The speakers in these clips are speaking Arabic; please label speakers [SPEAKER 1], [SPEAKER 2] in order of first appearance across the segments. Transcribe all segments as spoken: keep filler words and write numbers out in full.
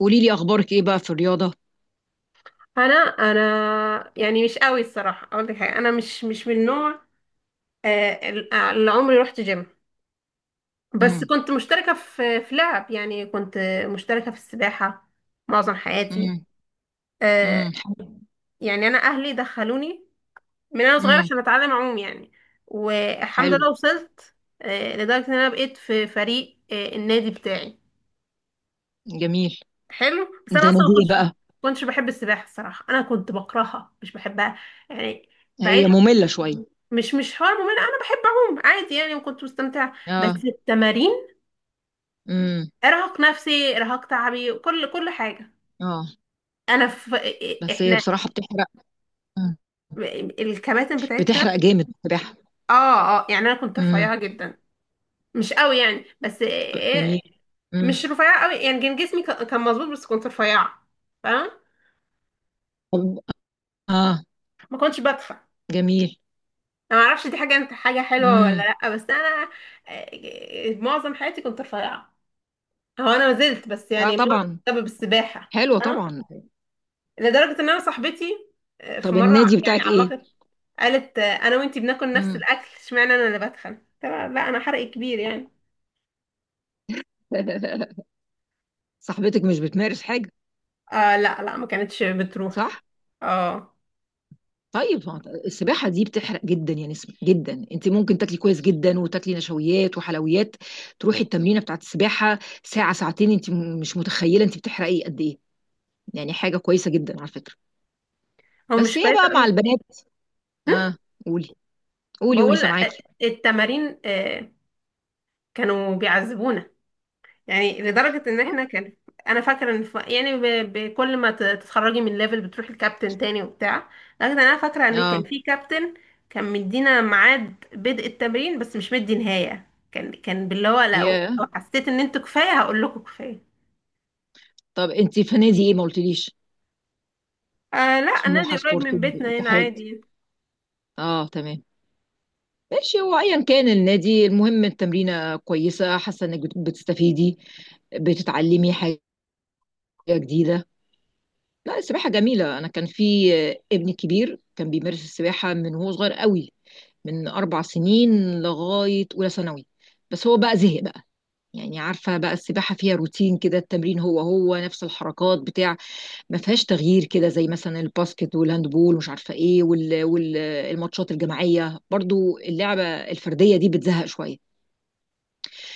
[SPEAKER 1] قولي لي اخبارك ايه بقى في الرياضه.
[SPEAKER 2] انا انا، يعني مش قوي الصراحه، اقول لك حاجه. انا مش مش من النوع آه، اللي عمري رحت جيم، بس
[SPEAKER 1] امم.
[SPEAKER 2] كنت مشتركه في في لعب، يعني كنت مشتركه في السباحه معظم حياتي.
[SPEAKER 1] امم.
[SPEAKER 2] آه،
[SPEAKER 1] امم، حلو.
[SPEAKER 2] يعني انا اهلي دخلوني من انا صغيره
[SPEAKER 1] امم،
[SPEAKER 2] عشان اتعلم اعوم، يعني والحمد
[SPEAKER 1] حلو.
[SPEAKER 2] لله وصلت. آه، لدرجه ان انا بقيت في فريق آه، النادي بتاعي.
[SPEAKER 1] جميل.
[SPEAKER 2] حلو، بس انا
[SPEAKER 1] ده
[SPEAKER 2] اصلا ما
[SPEAKER 1] نديل
[SPEAKER 2] كنتش
[SPEAKER 1] بقى.
[SPEAKER 2] كنتش بحب السباحه الصراحه، انا كنت بكرهها، مش بحبها يعني، بعيد.
[SPEAKER 1] هي ممله شويه.
[SPEAKER 2] مش مش حوار ممل، انا بحب اعوم عادي يعني، وكنت مستمتعه
[SPEAKER 1] اه.
[SPEAKER 2] بس التمارين
[SPEAKER 1] امم.
[SPEAKER 2] ارهاق نفسي، ارهاق تعبي، كل كل حاجه.
[SPEAKER 1] اه.
[SPEAKER 2] انا في
[SPEAKER 1] بس هي
[SPEAKER 2] احنا
[SPEAKER 1] بصراحه بتحرق. مم.
[SPEAKER 2] الكباتن بتاعتنا.
[SPEAKER 1] بتحرق جامد بصراحه.
[SPEAKER 2] اه، اه، يعني انا كنت
[SPEAKER 1] امم.
[SPEAKER 2] رفيعه جدا، مش قوي يعني، بس إيه،
[SPEAKER 1] جميل. امم.
[SPEAKER 2] مش رفيعه قوي يعني، كان جسمي ك- كان مظبوط بس كنت رفيعه، فاهم.
[SPEAKER 1] طب. اه.
[SPEAKER 2] ما كنتش بدفع.
[SPEAKER 1] جميل.
[SPEAKER 2] انا ما اعرفش دي حاجه انت حاجه حلوه ولا
[SPEAKER 1] امم.
[SPEAKER 2] لا، بس انا إيه، معظم حياتي كنت رفيعه. هو انا ما زلت، بس
[SPEAKER 1] اه
[SPEAKER 2] يعني
[SPEAKER 1] طبعا.
[SPEAKER 2] بسبب السباحه.
[SPEAKER 1] حلوه طبعا.
[SPEAKER 2] لدرجة ان انا صاحبتي آه، في
[SPEAKER 1] طب
[SPEAKER 2] مرة
[SPEAKER 1] النادي
[SPEAKER 2] يعني
[SPEAKER 1] بتاعك ايه؟
[SPEAKER 2] علقت، قالت آه، انا وانتي بناكل نفس
[SPEAKER 1] امم.
[SPEAKER 2] الاكل، اشمعنى انا اللي بتخن؟ قلت لها لا، انا حرق كبير يعني.
[SPEAKER 1] صاحبتك مش بتمارس حاجه؟
[SPEAKER 2] آه لا لا، ما كانتش بتروح.
[SPEAKER 1] صح.
[SPEAKER 2] اه،
[SPEAKER 1] طيب ما هو السباحة دي بتحرق جدا يا نسمة، جدا. انت ممكن تاكلي كويس جدا، وتاكلي نشويات وحلويات، تروحي التمرينة بتاعت السباحة ساعة ساعتين، انت م- مش متخيلة انت بتحرقي قد ايه. يعني حاجة كويسة جدا على فكرة.
[SPEAKER 2] هو
[SPEAKER 1] بس
[SPEAKER 2] مش
[SPEAKER 1] هي
[SPEAKER 2] كويس
[SPEAKER 1] بقى مع
[SPEAKER 2] قوي.
[SPEAKER 1] البنات. اه. قولي، قولي، قولي،
[SPEAKER 2] بقول آه،
[SPEAKER 1] سامعاكي.
[SPEAKER 2] التمارين آه، كانوا بيعذبونا. يعني لدرجة ان احنا كان انا فاكرة ان ف... يعني ب... بكل ما ت- تتخرجي من ليفل بتروحي الكابتن تاني وبتاع. لكن انا فاكرة ان كان
[SPEAKER 1] اه.
[SPEAKER 2] في كابتن كان مدينا ميعاد بدء التمرين، بس مش مدي نهاية، كان كان باللي هو، لو
[SPEAKER 1] يا،
[SPEAKER 2] لو حسيت ان انتوا كفاية هقول لكم كفاية.
[SPEAKER 1] طب انت في نادي ايه ما قلتليش؟
[SPEAKER 2] آه لا، النادي
[SPEAKER 1] سموحة،
[SPEAKER 2] قريب
[SPEAKER 1] سبورت،
[SPEAKER 2] من بيتنا هنا
[SPEAKER 1] اتحاد؟
[SPEAKER 2] عادي.
[SPEAKER 1] اه تمام. ماشي، هو ايا كان النادي المهم التمرينة كويسة، حاسة انك بت- بتستفيدي، بتتعلمي حاجة جديدة. لا السباحة جميلة، أنا كان في آه، ابني كبير كان بيمارس السباحة من وهو صغير قوي، من أربع سنين لغاية أولى ثانوي. بس هو بقى زهق بقى. يعني عارفة بقى، السباحة فيها روتين كده، التمرين هو هو نفس الحركات بتاع، ما فيهاش تغيير كده، زي مثلا الباسكت والهاندبول ومش عارفة إيه وال- والماتشات الجماعية، برضو اللعبة الفردية دي بتزهق شوية،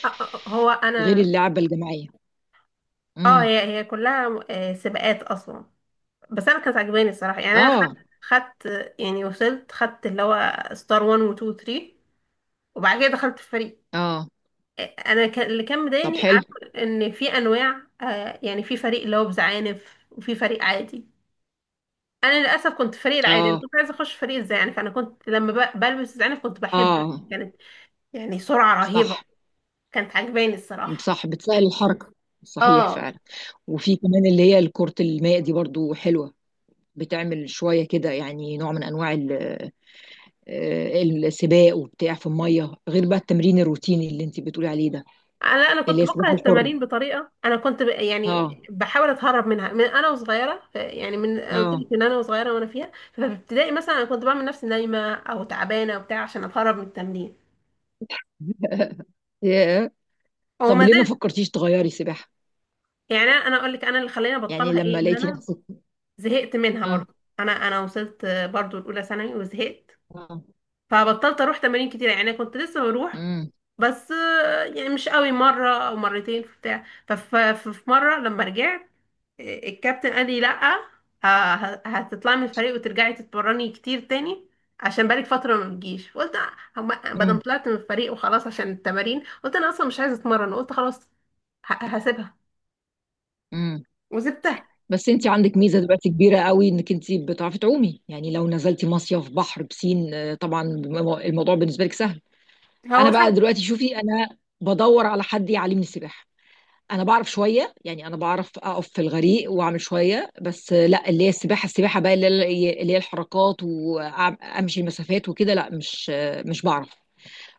[SPEAKER 2] آه، آه، آه، هو
[SPEAKER 1] غير
[SPEAKER 2] انا.
[SPEAKER 1] اللعبة الجماعية.
[SPEAKER 2] اه،
[SPEAKER 1] امم.
[SPEAKER 2] هي هي كلها آه سباقات اصلا، بس انا كانت عجباني الصراحة يعني. انا خدت
[SPEAKER 1] اه،
[SPEAKER 2] خدت يعني وصلت، خدت اللي هو ستار واحد و اتنين و تلاتة، وبعد كده دخلت في فريق.
[SPEAKER 1] اه.
[SPEAKER 2] انا كان اللي كان
[SPEAKER 1] طب
[SPEAKER 2] مضايقني
[SPEAKER 1] حلو.
[SPEAKER 2] عارف، ان في انواع، آه يعني في فريق اللي هو بزعانف وفي فريق عادي. انا للاسف كنت فريق العادي، انا
[SPEAKER 1] اه.
[SPEAKER 2] كنت عايزه اخش فريق الزعانف. انا كنت لما ب- بلبس الزعانف كنت بحب
[SPEAKER 1] اه
[SPEAKER 2] عشان كانت يعني سرعه رهيبه،
[SPEAKER 1] صح.
[SPEAKER 2] كانت عجباني الصراحه.
[SPEAKER 1] صح، بتسهل الحركة. صحيح
[SPEAKER 2] اه،
[SPEAKER 1] فعلا. وفي كمان اللي هي الكرة الماء دي برضو حلوة، بتعمل شوية كده، يعني نوع من أنواع ال- آه، السباق وبتاع في المية، غير بقى التمرين الروتيني اللي انت بتقولي عليه ده.
[SPEAKER 2] انا انا
[SPEAKER 1] اللي
[SPEAKER 2] كنت
[SPEAKER 1] هي
[SPEAKER 2] بكره
[SPEAKER 1] السباحة الحرة.
[SPEAKER 2] التمارين بطريقه، انا كنت ب... يعني
[SPEAKER 1] اه.
[SPEAKER 2] بحاول اتهرب منها من انا وصغيره، ف- يعني من قلت
[SPEAKER 1] اه.
[SPEAKER 2] لك من انا وصغيره، وانا فيها ففي ابتدائي مثلا انا كنت بعمل نفسي نايمه او تعبانه وبتاع عشان اتهرب من التمرين.
[SPEAKER 1] ياه.
[SPEAKER 2] هو
[SPEAKER 1] طب
[SPEAKER 2] ما
[SPEAKER 1] ليه ما
[SPEAKER 2] زال.
[SPEAKER 1] فكرتيش تغيري سباحة؟
[SPEAKER 2] يعني انا أنا اقول لك انا اللي خلاني
[SPEAKER 1] يعني
[SPEAKER 2] ابطلها ايه،
[SPEAKER 1] لما
[SPEAKER 2] ان
[SPEAKER 1] لقيتي
[SPEAKER 2] انا
[SPEAKER 1] نفسك.
[SPEAKER 2] زهقت منها
[SPEAKER 1] اه.
[SPEAKER 2] برضو. انا انا وصلت برضو الاولى ثانوي وزهقت،
[SPEAKER 1] اه.
[SPEAKER 2] فبطلت اروح تمارين كتير، يعني انا كنت لسه بروح
[SPEAKER 1] امم.
[SPEAKER 2] بس آه، يعني مش قوي، مره او مرتين في بتاع. ففي مره لما رجعت آه، الكابتن قال لي لا، آه، ه- هتطلعي من الفريق وترجعي تتمرني كتير تاني، عشان بقالك فتره ما بتجيش. قلت آه، هما- بدل ما
[SPEAKER 1] امم.
[SPEAKER 2] طلعت من الفريق وخلاص عشان التمارين، قلت انا اصلا مش عايزه اتمرن، قلت خلاص ه- هسيبها،
[SPEAKER 1] امم.
[SPEAKER 2] وسبتها.
[SPEAKER 1] بس انت عندك ميزه دلوقتي كبيره قوي، انك انت بتعرفي تعومي، يعني لو نزلتي مصيف بحر بسين، آه، طبعا الموضوع بالنسبه لك سهل. انا
[SPEAKER 2] هو
[SPEAKER 1] بقى دلوقتي، شوفي، انا بدور على حد يعلمني سباحه. انا بعرف شويه، يعني انا بعرف اقف في الغريق واعمل شويه، بس لا، اللي هي السباحه، السباحه بقى اللي هي اللي هي الحركات وامشي مسافات وكده، لا، مش مش بعرف.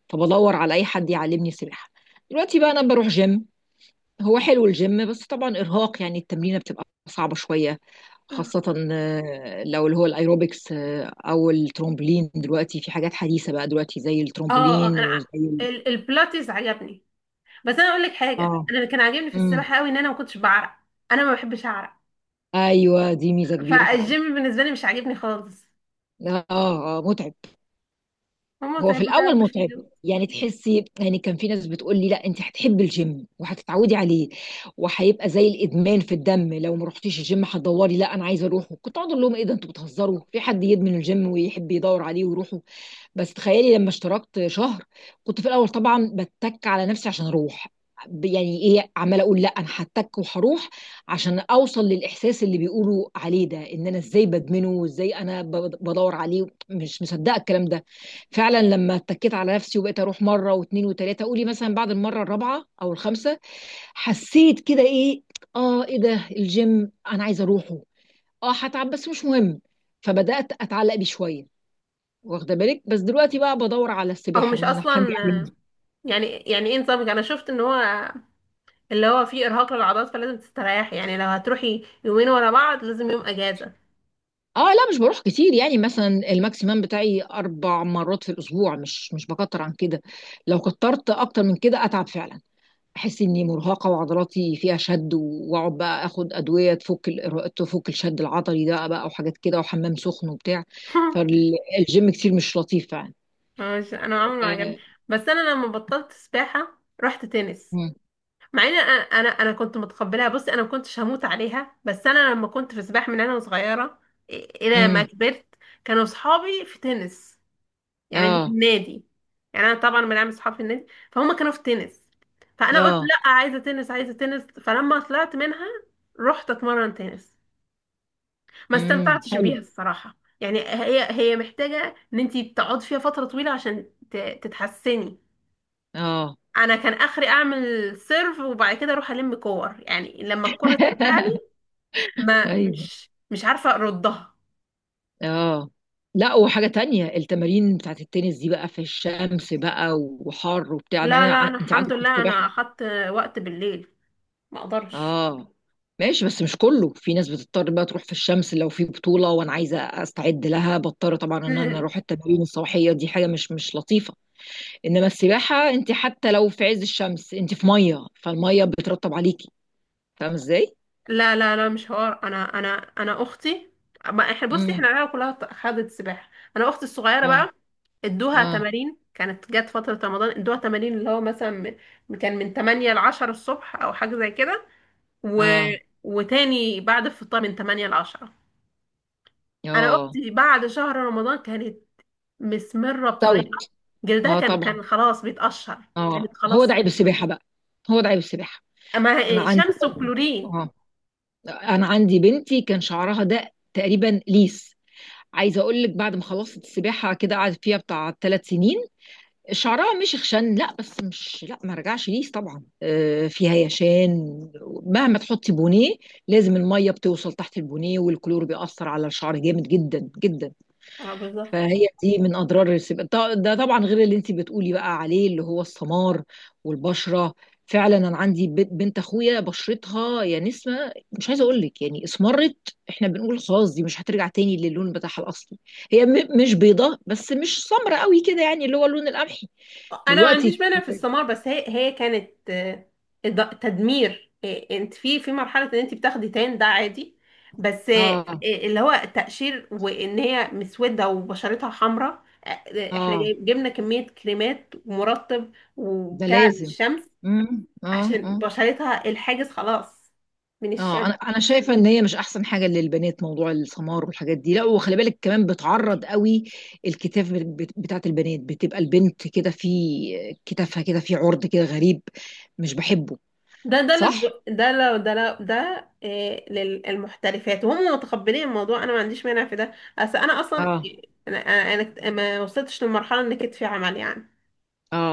[SPEAKER 1] فبدور على اي حد يعلمني سباحه. دلوقتي بقى انا بروح جيم، هو حلو الجيم، بس طبعا ارهاق، يعني التمرينه بتبقى صعبه شويه، خاصة آه، لو اللي هو الايروبكس آه، او الترومبولين، دلوقتي في حاجات حديثة بقى دلوقتي زي
[SPEAKER 2] اه، آه،
[SPEAKER 1] الترومبولين
[SPEAKER 2] انا ع-
[SPEAKER 1] وزي.
[SPEAKER 2] ال- البلاتيز عجبني. بس انا اقول لك حاجه،
[SPEAKER 1] اه.
[SPEAKER 2] انا اللي كان عاجبني في
[SPEAKER 1] امم.
[SPEAKER 2] السباحه قوي ان انا ما كنتش بعرق. انا ما بحبش اعرق،
[SPEAKER 1] ايوه دي ميزه كبيره فعلا.
[SPEAKER 2] فالجيم بالنسبه لي مش عاجبني خالص،
[SPEAKER 1] اه. آه، متعب.
[SPEAKER 2] هما
[SPEAKER 1] هو في
[SPEAKER 2] تعبوا
[SPEAKER 1] الاول
[SPEAKER 2] تعب
[SPEAKER 1] متعب،
[SPEAKER 2] وشيلوا.
[SPEAKER 1] يعني تحسي، يعني كان في ناس بتقول لي لا انت هتحبي الجيم وهتتعودي عليه وهيبقى زي الادمان في الدم، لو ما رحتيش الجيم هتدوري لا انا عايزه اروح. كنت اقعد اقول لهم ايه ده، انتوا بتهزروا، في حد يدمن الجيم ويحب يدور عليه ويروح؟ بس تخيلي لما اشتركت شهر، كنت في الاول طبعا بتك على نفسي عشان اروح، ب- يعني ايه عماله اقول لا انا هتك وهروح، عشان اوصل للاحساس اللي بيقولوا عليه ده، ان انا ازاي بدمنه وازاي انا ب- بدور عليه، مش مصدقه الكلام ده. فعلا لما اتكيت على نفسي وبقيت اروح مره واثنين وثلاثه، قولي مثلا بعد المره الرابعه او الخامسه، حسيت كده ايه، اه ايه ده الجيم، انا عايزه اروحه، اه هتعب بس مش مهم. فبدات اتعلق بيه شويه، واخده بالك. بس دلوقتي بقى بدور على
[SPEAKER 2] او
[SPEAKER 1] السباحه
[SPEAKER 2] مش
[SPEAKER 1] ان حد
[SPEAKER 2] اصلا،
[SPEAKER 1] يعلمني.
[SPEAKER 2] يعني يعني ايه نظامك؟ انا شفت ان هو اللي هو فيه ارهاق للعضلات فلازم تستريحي، يعني لو هتروحي يومين ورا بعض لازم يوم اجازه.
[SPEAKER 1] اه لا مش بروح كتير، يعني مثلا الماكسيمم بتاعي اربع مرات في الاسبوع، مش مش بكتر عن كده. لو كترت اكتر من كده اتعب فعلا، احس اني مرهقه وعضلاتي فيها شد، واقعد بقى اخد ادويه تفك ال- تفك الشد العضلي ده بقى، وحاجات كده وحمام سخن وبتاع. فالجيم كتير مش لطيف فعلا.
[SPEAKER 2] مش، انا عمري ما عجبني،
[SPEAKER 1] آه،
[SPEAKER 2] بس انا لما بطلت سباحه رحت تنس.
[SPEAKER 1] امم.
[SPEAKER 2] مع ان انا انا أنا كنت متقبلها، بصي انا ما كنتش هموت عليها، بس انا لما كنت في سباحه من انا صغيره إ- الى ما
[SPEAKER 1] امم.
[SPEAKER 2] كبرت كانوا صحابي في تنس، يعني اللي في
[SPEAKER 1] اه.
[SPEAKER 2] النادي. يعني انا طبعا من عامل صحاب في النادي، فهم كانوا في تنس، فانا قلت
[SPEAKER 1] اه.
[SPEAKER 2] لا، عايزه تنس عايزه تنس، فلما طلعت منها رحت اتمرن تنس. ما
[SPEAKER 1] امم،
[SPEAKER 2] استمتعتش
[SPEAKER 1] حلو.
[SPEAKER 2] بيها الصراحه، يعني هي هي محتاجه ان انت تقعد فيها فتره طويله عشان ت- تتحسني.
[SPEAKER 1] اه.
[SPEAKER 2] انا كان اخري اعمل سيرف، وبعد كده اروح الم كور، يعني لما الكرة ترجع لي ما
[SPEAKER 1] ايوه.
[SPEAKER 2] مش مش عارفة اردها.
[SPEAKER 1] اه. لا وحاجة تانية، التمارين بتاعت التنس دي بقى في الشمس بقى وحر وبتاع،
[SPEAKER 2] لا
[SPEAKER 1] انا أنا
[SPEAKER 2] لا،
[SPEAKER 1] ع-
[SPEAKER 2] انا
[SPEAKER 1] انت
[SPEAKER 2] الحمد
[SPEAKER 1] عندك في
[SPEAKER 2] لله انا
[SPEAKER 1] السباحة.
[SPEAKER 2] اخدت وقت بالليل، ما اقدرش.
[SPEAKER 1] اه. ماشي، بس مش كله، في ناس بتضطر بقى تروح في الشمس، لو في بطولة وانا عايزة استعد لها بضطر طبعا ان انا اروح التمارين الصباحية دي، حاجة مش مش لطيفة. انما السباحة انت حتى لو في عز الشمس انت في مية، فالمية بترطب عليكي، فاهمة ازاي؟
[SPEAKER 2] لا لا لا، مش حوار. انا انا انا اختي، ما احنا بصي، احنا
[SPEAKER 1] امم.
[SPEAKER 2] العيله كلها خدت سباحة. انا اختي الصغيرة
[SPEAKER 1] اه.
[SPEAKER 2] بقى ادوها
[SPEAKER 1] اه.
[SPEAKER 2] تمارين، كانت جت فترة رمضان ادوها تمارين اللي هو مثلا من- كان من تمانية ل عشرة الصبح او حاجة زي كده، و...
[SPEAKER 1] اه.
[SPEAKER 2] وتاني بعد الفطار من تمانية ل عشرة. انا
[SPEAKER 1] اه.
[SPEAKER 2] اختي بعد شهر رمضان كانت مسمره
[SPEAKER 1] استوت.
[SPEAKER 2] بطريقه، جلدها
[SPEAKER 1] اه
[SPEAKER 2] كان
[SPEAKER 1] طبعا.
[SPEAKER 2] كان خلاص بيتقشر، كانت
[SPEAKER 1] اه هو
[SPEAKER 2] خلاص،
[SPEAKER 1] ده عيب السباحة بقى. هو ده عيب السباحة.
[SPEAKER 2] ما
[SPEAKER 1] انا
[SPEAKER 2] هي-
[SPEAKER 1] عندي
[SPEAKER 2] شمس
[SPEAKER 1] برضه.
[SPEAKER 2] وكلورين.
[SPEAKER 1] اه. انا عندي بنتي كان شعرها ده تقريبا ليس، عايزة اقول لك بعد ما خلصت السباحة كده قعدت فيها بتاع ثلاث سنين، شعرها مش خشن، لا، بس مش، لا ما رجعش ليس طبعا، آه، في هيشان، مهما تحطي بونيه لازم المية بتوصل تحت البونيه، والكلور بيأثر على الشعر جامد جدا جدا.
[SPEAKER 2] اه بالظبط.
[SPEAKER 1] فهي دي من اضرار السباحه، ط- ده طبعا غير اللي انت بتقولي بقى عليه اللي هو السمار والبشره. فعلا انا عندي بنت، بنت اخويا، بشرتها يا نسمه مش عايزه اقول لك، يعني اسمرت احنا بنقول خلاص دي مش هترجع تاني للون بتاعها الاصلي. هي م مش بيضه، بس مش سمرة قوي كده، يعني اللي هو اللون القمحي
[SPEAKER 2] انا ما
[SPEAKER 1] دلوقتي.
[SPEAKER 2] عنديش مانع في السمار، بس هي هي كانت آه، إض- تدمير. آه، انت في في مرحله ان انت بتاخدي تان ده عادي، بس آه،
[SPEAKER 1] اه.
[SPEAKER 2] اللي هو تقشير، وان هي مسوده وبشرتها حمراء. آه، آه، احنا
[SPEAKER 1] اه.
[SPEAKER 2] جايب- جبنا كميه كريمات ومرطب
[SPEAKER 1] ده
[SPEAKER 2] وبتاع
[SPEAKER 1] لازم.
[SPEAKER 2] الشمس
[SPEAKER 1] امم، اه،
[SPEAKER 2] عشان
[SPEAKER 1] اه.
[SPEAKER 2] بشرتها الحاجز خلاص من
[SPEAKER 1] اه انا
[SPEAKER 2] الشمس.
[SPEAKER 1] انا شايفه ان هي مش احسن حاجه للبنات موضوع السمار والحاجات دي، لا، وخلي بالك كمان بتعرض قوي الكتاف بت- بتاعت البنات، بتبقى البنت كده في كتافها كده في عرض كده غريب، مش بحبه.
[SPEAKER 2] ده ده اللي
[SPEAKER 1] صح.
[SPEAKER 2] ب- ده، لو ده لو ده إيه للمحترفات وهم متقبلين الموضوع، انا ما عنديش مانع في ده، بس انا اصلا
[SPEAKER 1] اه.
[SPEAKER 2] انا انا أنا ما وصلتش للمرحله ان كتفي عمل يعني،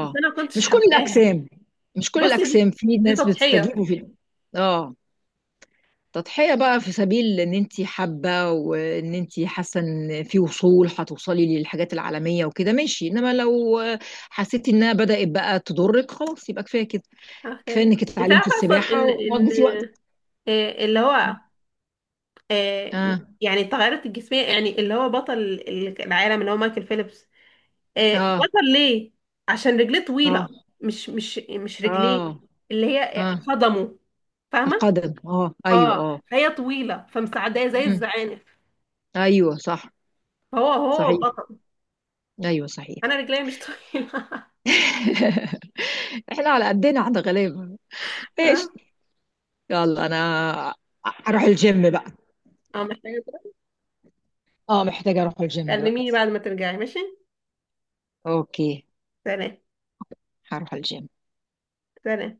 [SPEAKER 2] بس انا ما كنتش
[SPEAKER 1] مش كل
[SPEAKER 2] حباها.
[SPEAKER 1] الاجسام مش كل
[SPEAKER 2] بصي دي
[SPEAKER 1] الاجسام في
[SPEAKER 2] دي
[SPEAKER 1] ناس بتستجيب
[SPEAKER 2] تضحيه.
[SPEAKER 1] وفي. اه. تضحية بقى، في سبيل ان انتي حابة وان انتي حاسة ان في وصول هتوصلي للحاجات العالمية وكده، ماشي، انما لو حسيتي انها بدأت بقى تضرك خلاص يبقى كفاية كده. كفاية
[SPEAKER 2] أوكي.
[SPEAKER 1] انك
[SPEAKER 2] انت
[SPEAKER 1] اتعلمتي
[SPEAKER 2] عارفه اصلا
[SPEAKER 1] السباحة
[SPEAKER 2] ان ان
[SPEAKER 1] وقضيتي وقتك.
[SPEAKER 2] إيه اللي هو إيه،
[SPEAKER 1] اه.
[SPEAKER 2] يعني التغيرات الجسميه، يعني اللي هو بطل العالم اللي هو مايكل فيليبس آه،
[SPEAKER 1] اه.
[SPEAKER 2] بطل ليه؟ عشان رجليه
[SPEAKER 1] اه.
[SPEAKER 2] طويلة، مش مش مش رجليه،
[SPEAKER 1] اه.
[SPEAKER 2] اللي
[SPEAKER 1] اه.
[SPEAKER 2] هي قدمه، فاهمة.
[SPEAKER 1] القدم، اه ايوه
[SPEAKER 2] اه،
[SPEAKER 1] اه.
[SPEAKER 2] هي طويلة فمساعداه زي
[SPEAKER 1] مم.
[SPEAKER 2] الزعانف،
[SPEAKER 1] ايوه صح.
[SPEAKER 2] فهو هو
[SPEAKER 1] صحيح،
[SPEAKER 2] بطل.
[SPEAKER 1] ايوه صحيح.
[SPEAKER 2] انا رجلي مش طويلة.
[SPEAKER 1] احنا على قدنا احنا غلابة.
[SPEAKER 2] اه،
[SPEAKER 1] ايش؟ يلا انا اروح الجيم بقى.
[SPEAKER 2] آه، محتاجة تروح؟
[SPEAKER 1] اه محتاجة اروح الجيم
[SPEAKER 2] كلميني
[SPEAKER 1] دلوقتي.
[SPEAKER 2] بعد ما ترجعي، ماشي.
[SPEAKER 1] اوكي.
[SPEAKER 2] سلام
[SPEAKER 1] هروح الجيم.
[SPEAKER 2] سلام.